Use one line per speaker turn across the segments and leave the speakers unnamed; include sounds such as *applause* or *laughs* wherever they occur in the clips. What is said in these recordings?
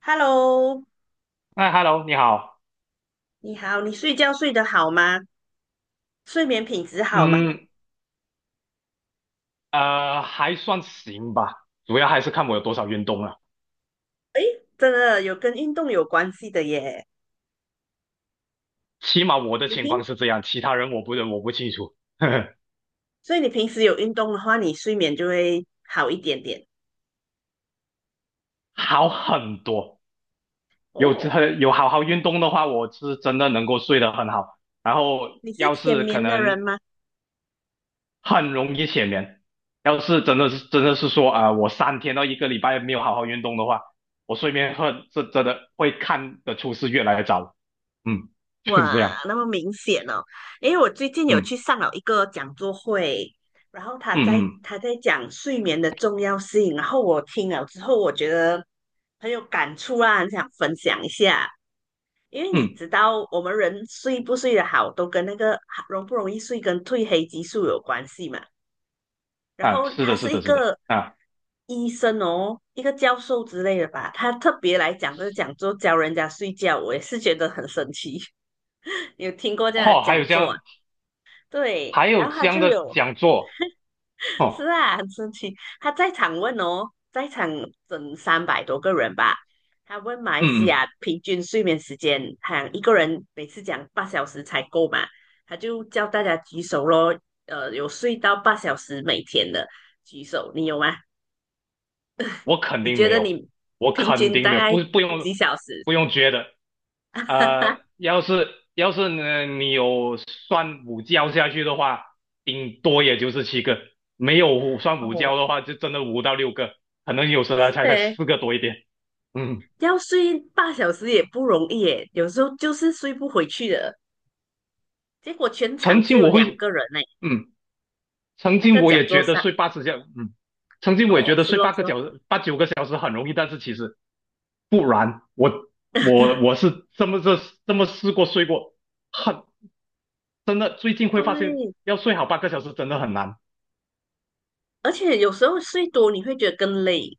Hello，
哎，Hello，你好。
你好，你睡觉睡得好吗？睡眠品质好吗？
嗯，还算行吧，主要还是看我有多少运动了。
诶，真的有跟运动有关系的耶。
起码我的
你
情
平，
况是这样，其他人我不清楚。*laughs* 呵呵，
所以你平时有运动的话，你睡眠就会好一点点。
好很多，
哦，
有好好运动的话，我是真的能够睡得很好。然后
你是
要
浅
是可
眠的人
能
吗？
很容易浅眠，要是真的是说啊、我3天到一个礼拜没有好好运动的话，我睡眠会是真的会看得出是越来越早。嗯，*laughs* 就是
哇，
这样。
那么明显哦。因为我最近有去
嗯
上了一个讲座会，然后他
嗯
在
嗯
他在讲睡眠的重要性，然后我听了之后，我觉得很有感触啊，很想分享一下。因为你
嗯。
知道，我们人睡不睡得好，都跟那个容不容易睡跟褪黑激素有关系嘛。然
啊，
后
是
他
的，是
是一
的，是的，
个
啊，
医生哦，一个教授之类的吧，他特别来讲这个讲座教人家睡觉，我也是觉得很神奇。*laughs* 你有听过这样的
哦，还
讲
有这
座啊？
样，
对，
还有
然后
这
他就
样的
有
讲座，
是
哦，
啊，很生气。他在场问哦，在场整300多个人吧。他问马来西
嗯嗯，
亚平均睡眠时间，他一个人每次讲八小时才够嘛，他就叫大家举手咯。有睡到八小时每天的举手，你有吗？
我肯
你
定
觉
没
得
有，
你
我
平
肯
均
定
大
没有，
概
不用
几小时？
不用觉得，呃，
*laughs*
要是要是呢，你有算午觉下去的话，顶多也就是7个，没有算午觉
哦，
的话，就真的5到6个，可能有时候才
对，
4个多一点，嗯，
要睡八小时也不容易耶，有时候就是睡不回去的。结果全场
曾
只
经
有
我
两
会，
个人呢，
嗯。曾
那
经
个
我
讲
也
座
觉得
上。
睡八十小，嗯，曾经我也
哦，
觉得
是
睡
咯
八
是
个
咯，
小时、八九个小时很容易，但是其实不然，我是这么试过睡过，很真的，最近会发现
对，
要睡好八个小时真的很难。
而且有时候睡多你会觉得更累，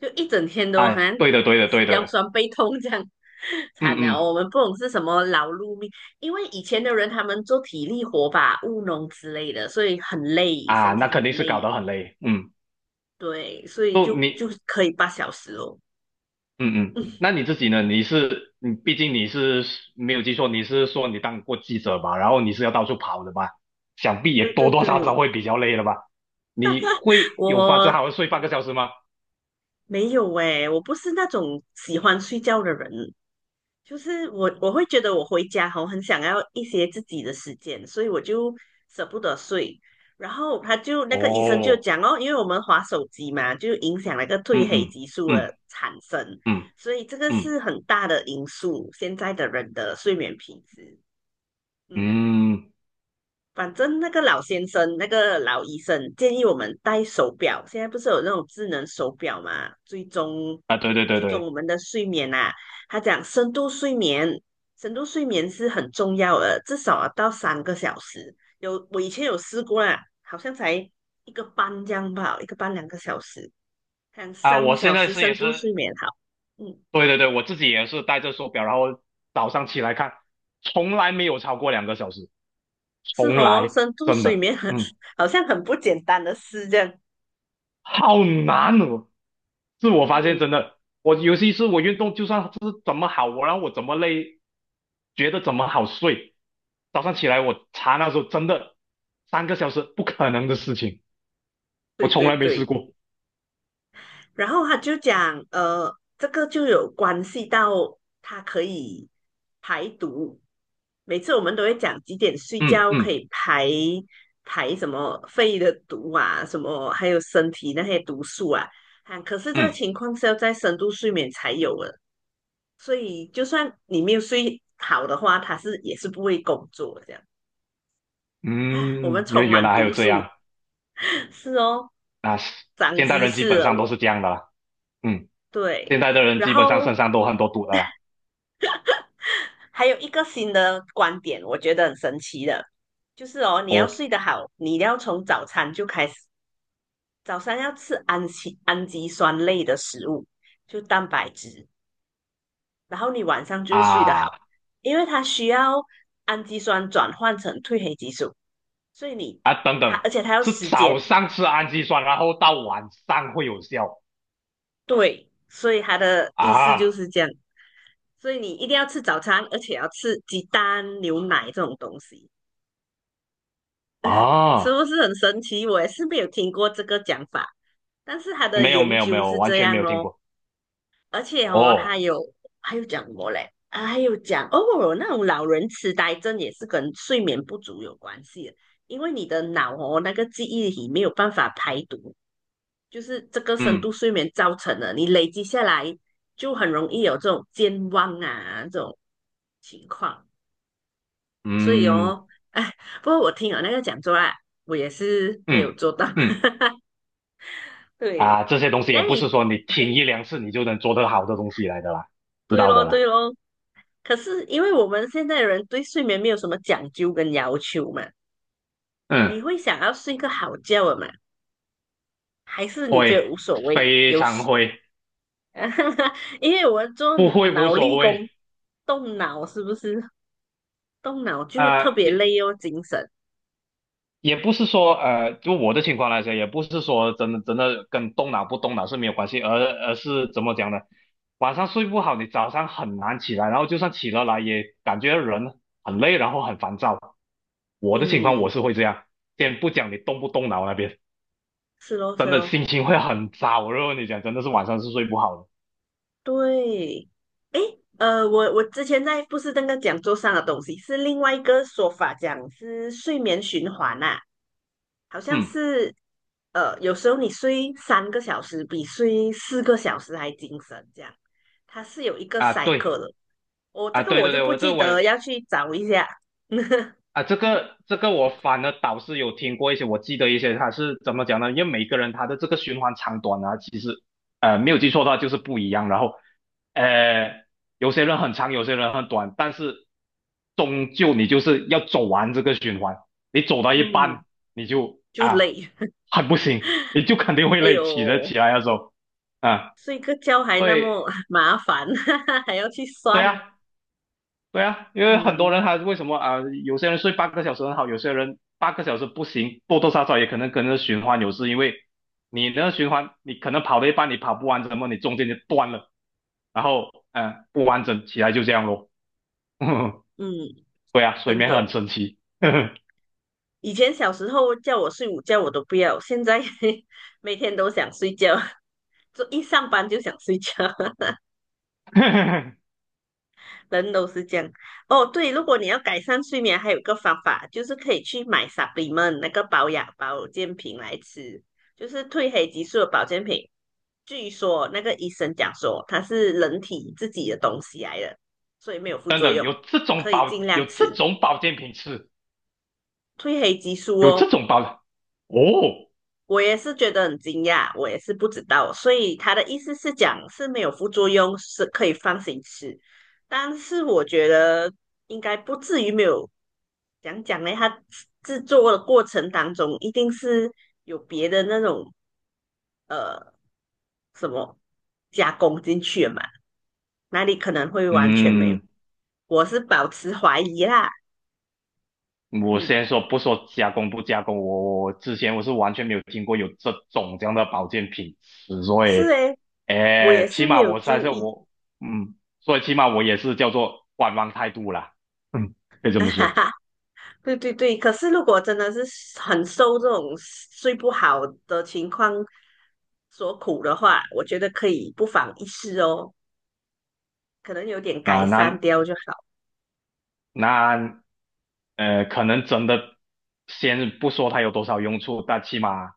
就一整天都好
哎，
像
对的对的对
腰
的，
酸背痛这样，*laughs*
嗯
惨了
嗯
哦。我们不懂是什么劳碌命，因为以前的人他们做体力活吧，务农之类的，所以很累，
啊，
身
那
体很
肯定是搞
累，
得很累，嗯，
对，所以
就
就
你
可以八小时哦。
嗯嗯，那
*laughs*
你自己呢？你是你，毕竟你是没有记错，你是说你当过记者吧？然后你是要到处跑的吧？想必
对
也多
对
多少少
对，
会比较累了吧？你会有法子
我
好好睡半个小时吗？
没有诶，我不是那种喜欢睡觉的人，就是我会觉得我回家后很想要一些自己的时间，所以我就舍不得睡。然后他就那个医生就
哦，
讲哦，因为我们划手机嘛，就影响那个褪
嗯
黑
嗯
激素
嗯
的产生，
嗯
所以这个
嗯
是很大的因素，现在的人的睡眠品质。嗯，
嗯
反正那个老先生，那个老医生建议我们戴手表。现在不是有那种智能手表嘛，追踪
啊，对对对
追踪我
对
们的睡眠啊。他讲深度睡眠，深度睡眠是很重要的，至少要到三个小时。有我以前有试过啦，好像才一个半这样吧，一个半2个小时，看
啊，我
三
现
小
在
时
是也
深度
是，
睡眠好。嗯，
对对对，我自己也是戴着手表，然后早上起来看，从来没有超过2个小时，
是
从
哦，
来
深度
真
睡
的，
眠很
嗯，
好像很不简单的事这样。
好难哦。自我
嗯，
发现真的，我尤其是我运动，就算是怎么好，让我怎么累，觉得怎么好睡，早上起来我查那时候真的3个小时不可能的事情，我
对
从
对
来没试
对。
过。
然后他就讲，这个就有关系到它可以排毒。每次我们都会讲几点睡
嗯
觉可
嗯
以排什么肺的毒啊，什么还有身体那些毒素啊，啊，可是这个
嗯
情况是要在深度睡眠才有的，所以就算你没有睡好的话，它是也是不会工作的这样啊。我们
嗯，因为
充
原
满
来还有
毒
这
素，
样
*laughs* 是哦，
啊！
长
现代
知
人基
识
本
了
上都
我。
是这样的啦。嗯，现
对，
代的人
然
基本上
后
身上都很多毒的啦。
还有一个新的观点，我觉得很神奇的，就是哦，你要
哦
睡得好，你要从早餐就开始，早餐要吃氨基酸类的食物，就蛋白质，然后你晚上就会睡得好，
啊
因为它需要氨基酸转换成褪黑激素，所以你
啊，等
它
等，
而且它要
是
时
早
间，
上吃氨基酸，然后到晚上会有效
对，所以它的意思就
啊
是这样，所以你一定要吃早餐，而且要吃鸡蛋、牛奶这种东西。是
啊！
不是很神奇？我也是没有听过这个讲法，但是他的
没有没
研
有没
究
有，
是
完
这
全没
样
有听
咯，
过。
而且哦，
哦，
他有还有讲过嘞，啊，还有讲哦，那种老人痴呆症也是跟睡眠不足有关系的，因为你的脑哦那个记忆体没有办法排毒，就是这个深度
嗯
睡眠造成的，你累积下来就很容易有这种健忘啊这种情况，所以
嗯
哦，哎，不过我听了那个讲座啦，我也是没
嗯
有做到。
嗯，
对，
啊，这些东
你
西也不是
嘞，
说你听一两次你就能做得好的东西来的啦，知
对
道
咯，
的啦。
对咯。可是因为我们现在人对睡眠没有什么讲究跟要求嘛，你
嗯，
会想要睡个好觉的嘛？还是你
会，
觉得无所谓？
非
有
常
时，
会，
*laughs* 因为我做
不会无
脑
所
力
谓。
工，动脑是不是？动脑就特
呃，
别
也
累哦，精神。
也不是说就我的情况来说，也不是说真的真的跟动脑不动脑是没有关系，而是怎么讲呢？晚上睡不好，你早上很难起来，然后就算起了来，也感觉人很累，然后很烦躁。我的情况我
嗯，
是会这样，先不讲你动不动脑那边，
是咯，
真
是
的
咯，
心情会很糟。我就跟你讲，真的是晚上是睡不好的。
对。我之前在不是那个讲座上的东西，是另外一个说法，讲是睡眠循环啊，好像
嗯
是有时候你睡三个小时比睡4个小时还精神，这样它是有一个
啊，对
cycle 的。这
啊，
个
对
我
对
就
对，
不
我
记
这我
得，要去找一下。*laughs*
啊，这个我反而倒是有听过一些，我记得一些他是怎么讲呢？因为每个人他的这个循环长短啊，其实没有记错的话就是不一样。然后呃，有些人很长，有些人很短，但是终究你就是要走完这个循环。你走到一
嗯，
半，你就
就
啊
累，
很不行，你就肯定
*laughs*
会
哎
累，
呦，
起来的时候啊，
睡个觉还
所
那
以
么 *laughs* 麻烦，*laughs* 还要去
对
算。
啊，对啊，因为很多
嗯
人他为什么啊、有些人睡八个小时很好，有些人八个小时不行，多多少少也可能跟着循环有事，因为你那个循环，你可能跑了一半，你跑不完整么，你中间就断了，然后不完整起来就这样咯。
嗯，
*laughs* 对啊，睡
真
眠很
的。
神奇。*laughs*
以前小时候叫我睡午觉我都不要，现在 *laughs* 每天都想睡觉，就一上班就想睡觉，*laughs* 人都是这样。哦，对，如果你要改善睡眠，还有一个方法就是可以去买 s u p p 那个保养保健品来吃，就是褪黑激素的保健品。据说那个医生讲说它是人体自己的东西来的，所以没有副
等
作
等，
用，可以尽
有
量
这
吃。
种保健品吃，
褪黑激素
有
哦，
这种保哦，
我也是觉得很惊讶，我也是不知道，所以他的意思是讲是没有副作用，是可以放心吃。但是我觉得应该不至于没有，讲讲呢，它制作的过程当中一定是有别的那种呃什么加工进去了嘛，哪里可能会完全没有？
嗯。
我是保持怀疑啦，
我
嗯，
先说不说加工不加工，我之前我是完全没有听过有这种这样的保健品所
是
以，
诶，我
哎，
也
起
是没
码
有
我算
注
是
意，
我，嗯，所以起码我也是叫做观望态度啦，嗯，可以这么说。
*laughs* 对对对，可是如果真的是很受这种睡不好的情况所苦的话，我觉得可以不妨一试哦，可能有点改
那
善
那
掉就好。
那，可能真的先不说它有多少用处，但起码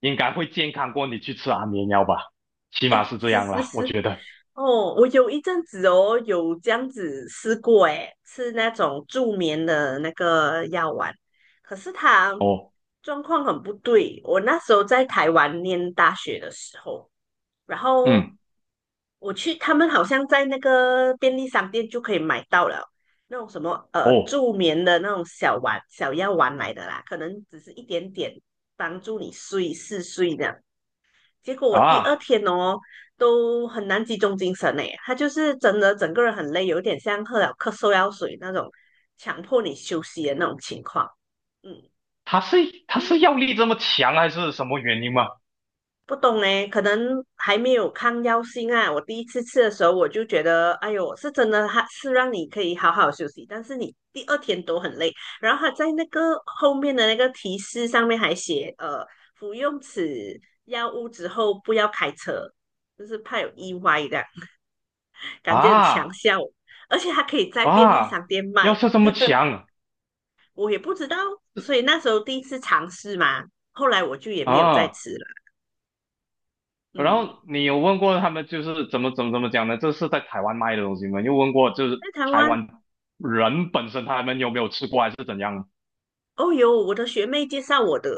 应该会健康过你去吃安眠药吧，起码
哎，
是这
是
样
是
啦，我
是，
觉得。
哦，我有一阵子哦有这样子试过，哎，吃那种助眠的那个药丸，可是它
哦，
状况很不对。我那时候在台湾念大学的时候，然后
嗯，
我去，他们好像在那个便利商店就可以买到了那种什么
哦
助眠的那种小药丸来的啦，可能只是一点点帮助你嗜睡这样。结果我第二
啊。
天哦都很难集中精神诶，他就是真的整个人很累，有点像喝了咳嗽药水那种强迫你休息的那种情况。嗯，
他是
就
药力这么强还是什么原因吗？
不懂呢，可能还没有抗药性啊。我第一次吃的时候，我就觉得，哎呦，是真的，它是让你可以好好休息，但是你第二天都很累。然后它在那个后面的那个提示上面还写，服用此药物之后不要开车，就是怕有意外的，感觉很强
啊
效，而且它可以在便利
啊，
商店
药
卖，
效这么强
我也不知道，所以那时候第一次尝试嘛，后来我就也没有再
啊！
吃了。
然
嗯，
后你有问过他们就是怎么怎么怎么讲呢？这是在台湾卖的东西吗？你有问过就是
在台
台
湾
湾人本身他们有没有吃过还是怎样？
哦，有我的学妹介绍我的，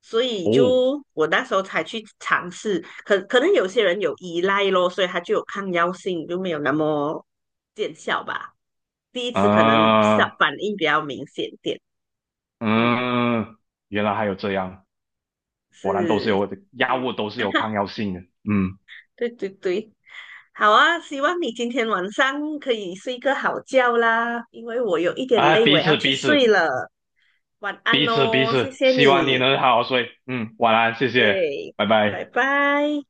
所以
哦，
就我那时候才去尝试。可能有些人有依赖咯，所以他就有抗药性，就没有那么见效吧。第一次可能
啊，
反应比较明显点。嗯，
嗯，原来还有这样，果然都是
是，
有药物都是有抗药性的，嗯，
对对对，好啊，希望你今天晚上可以睡个好觉啦，因为我有一点
啊，
累，我
彼
要
此
去
彼
睡
此
了。晚安
彼此彼
哦，谢
此，
谢
希望你
你。
能好好睡，嗯，晚安，谢谢，
对，
拜
拜
拜。
拜。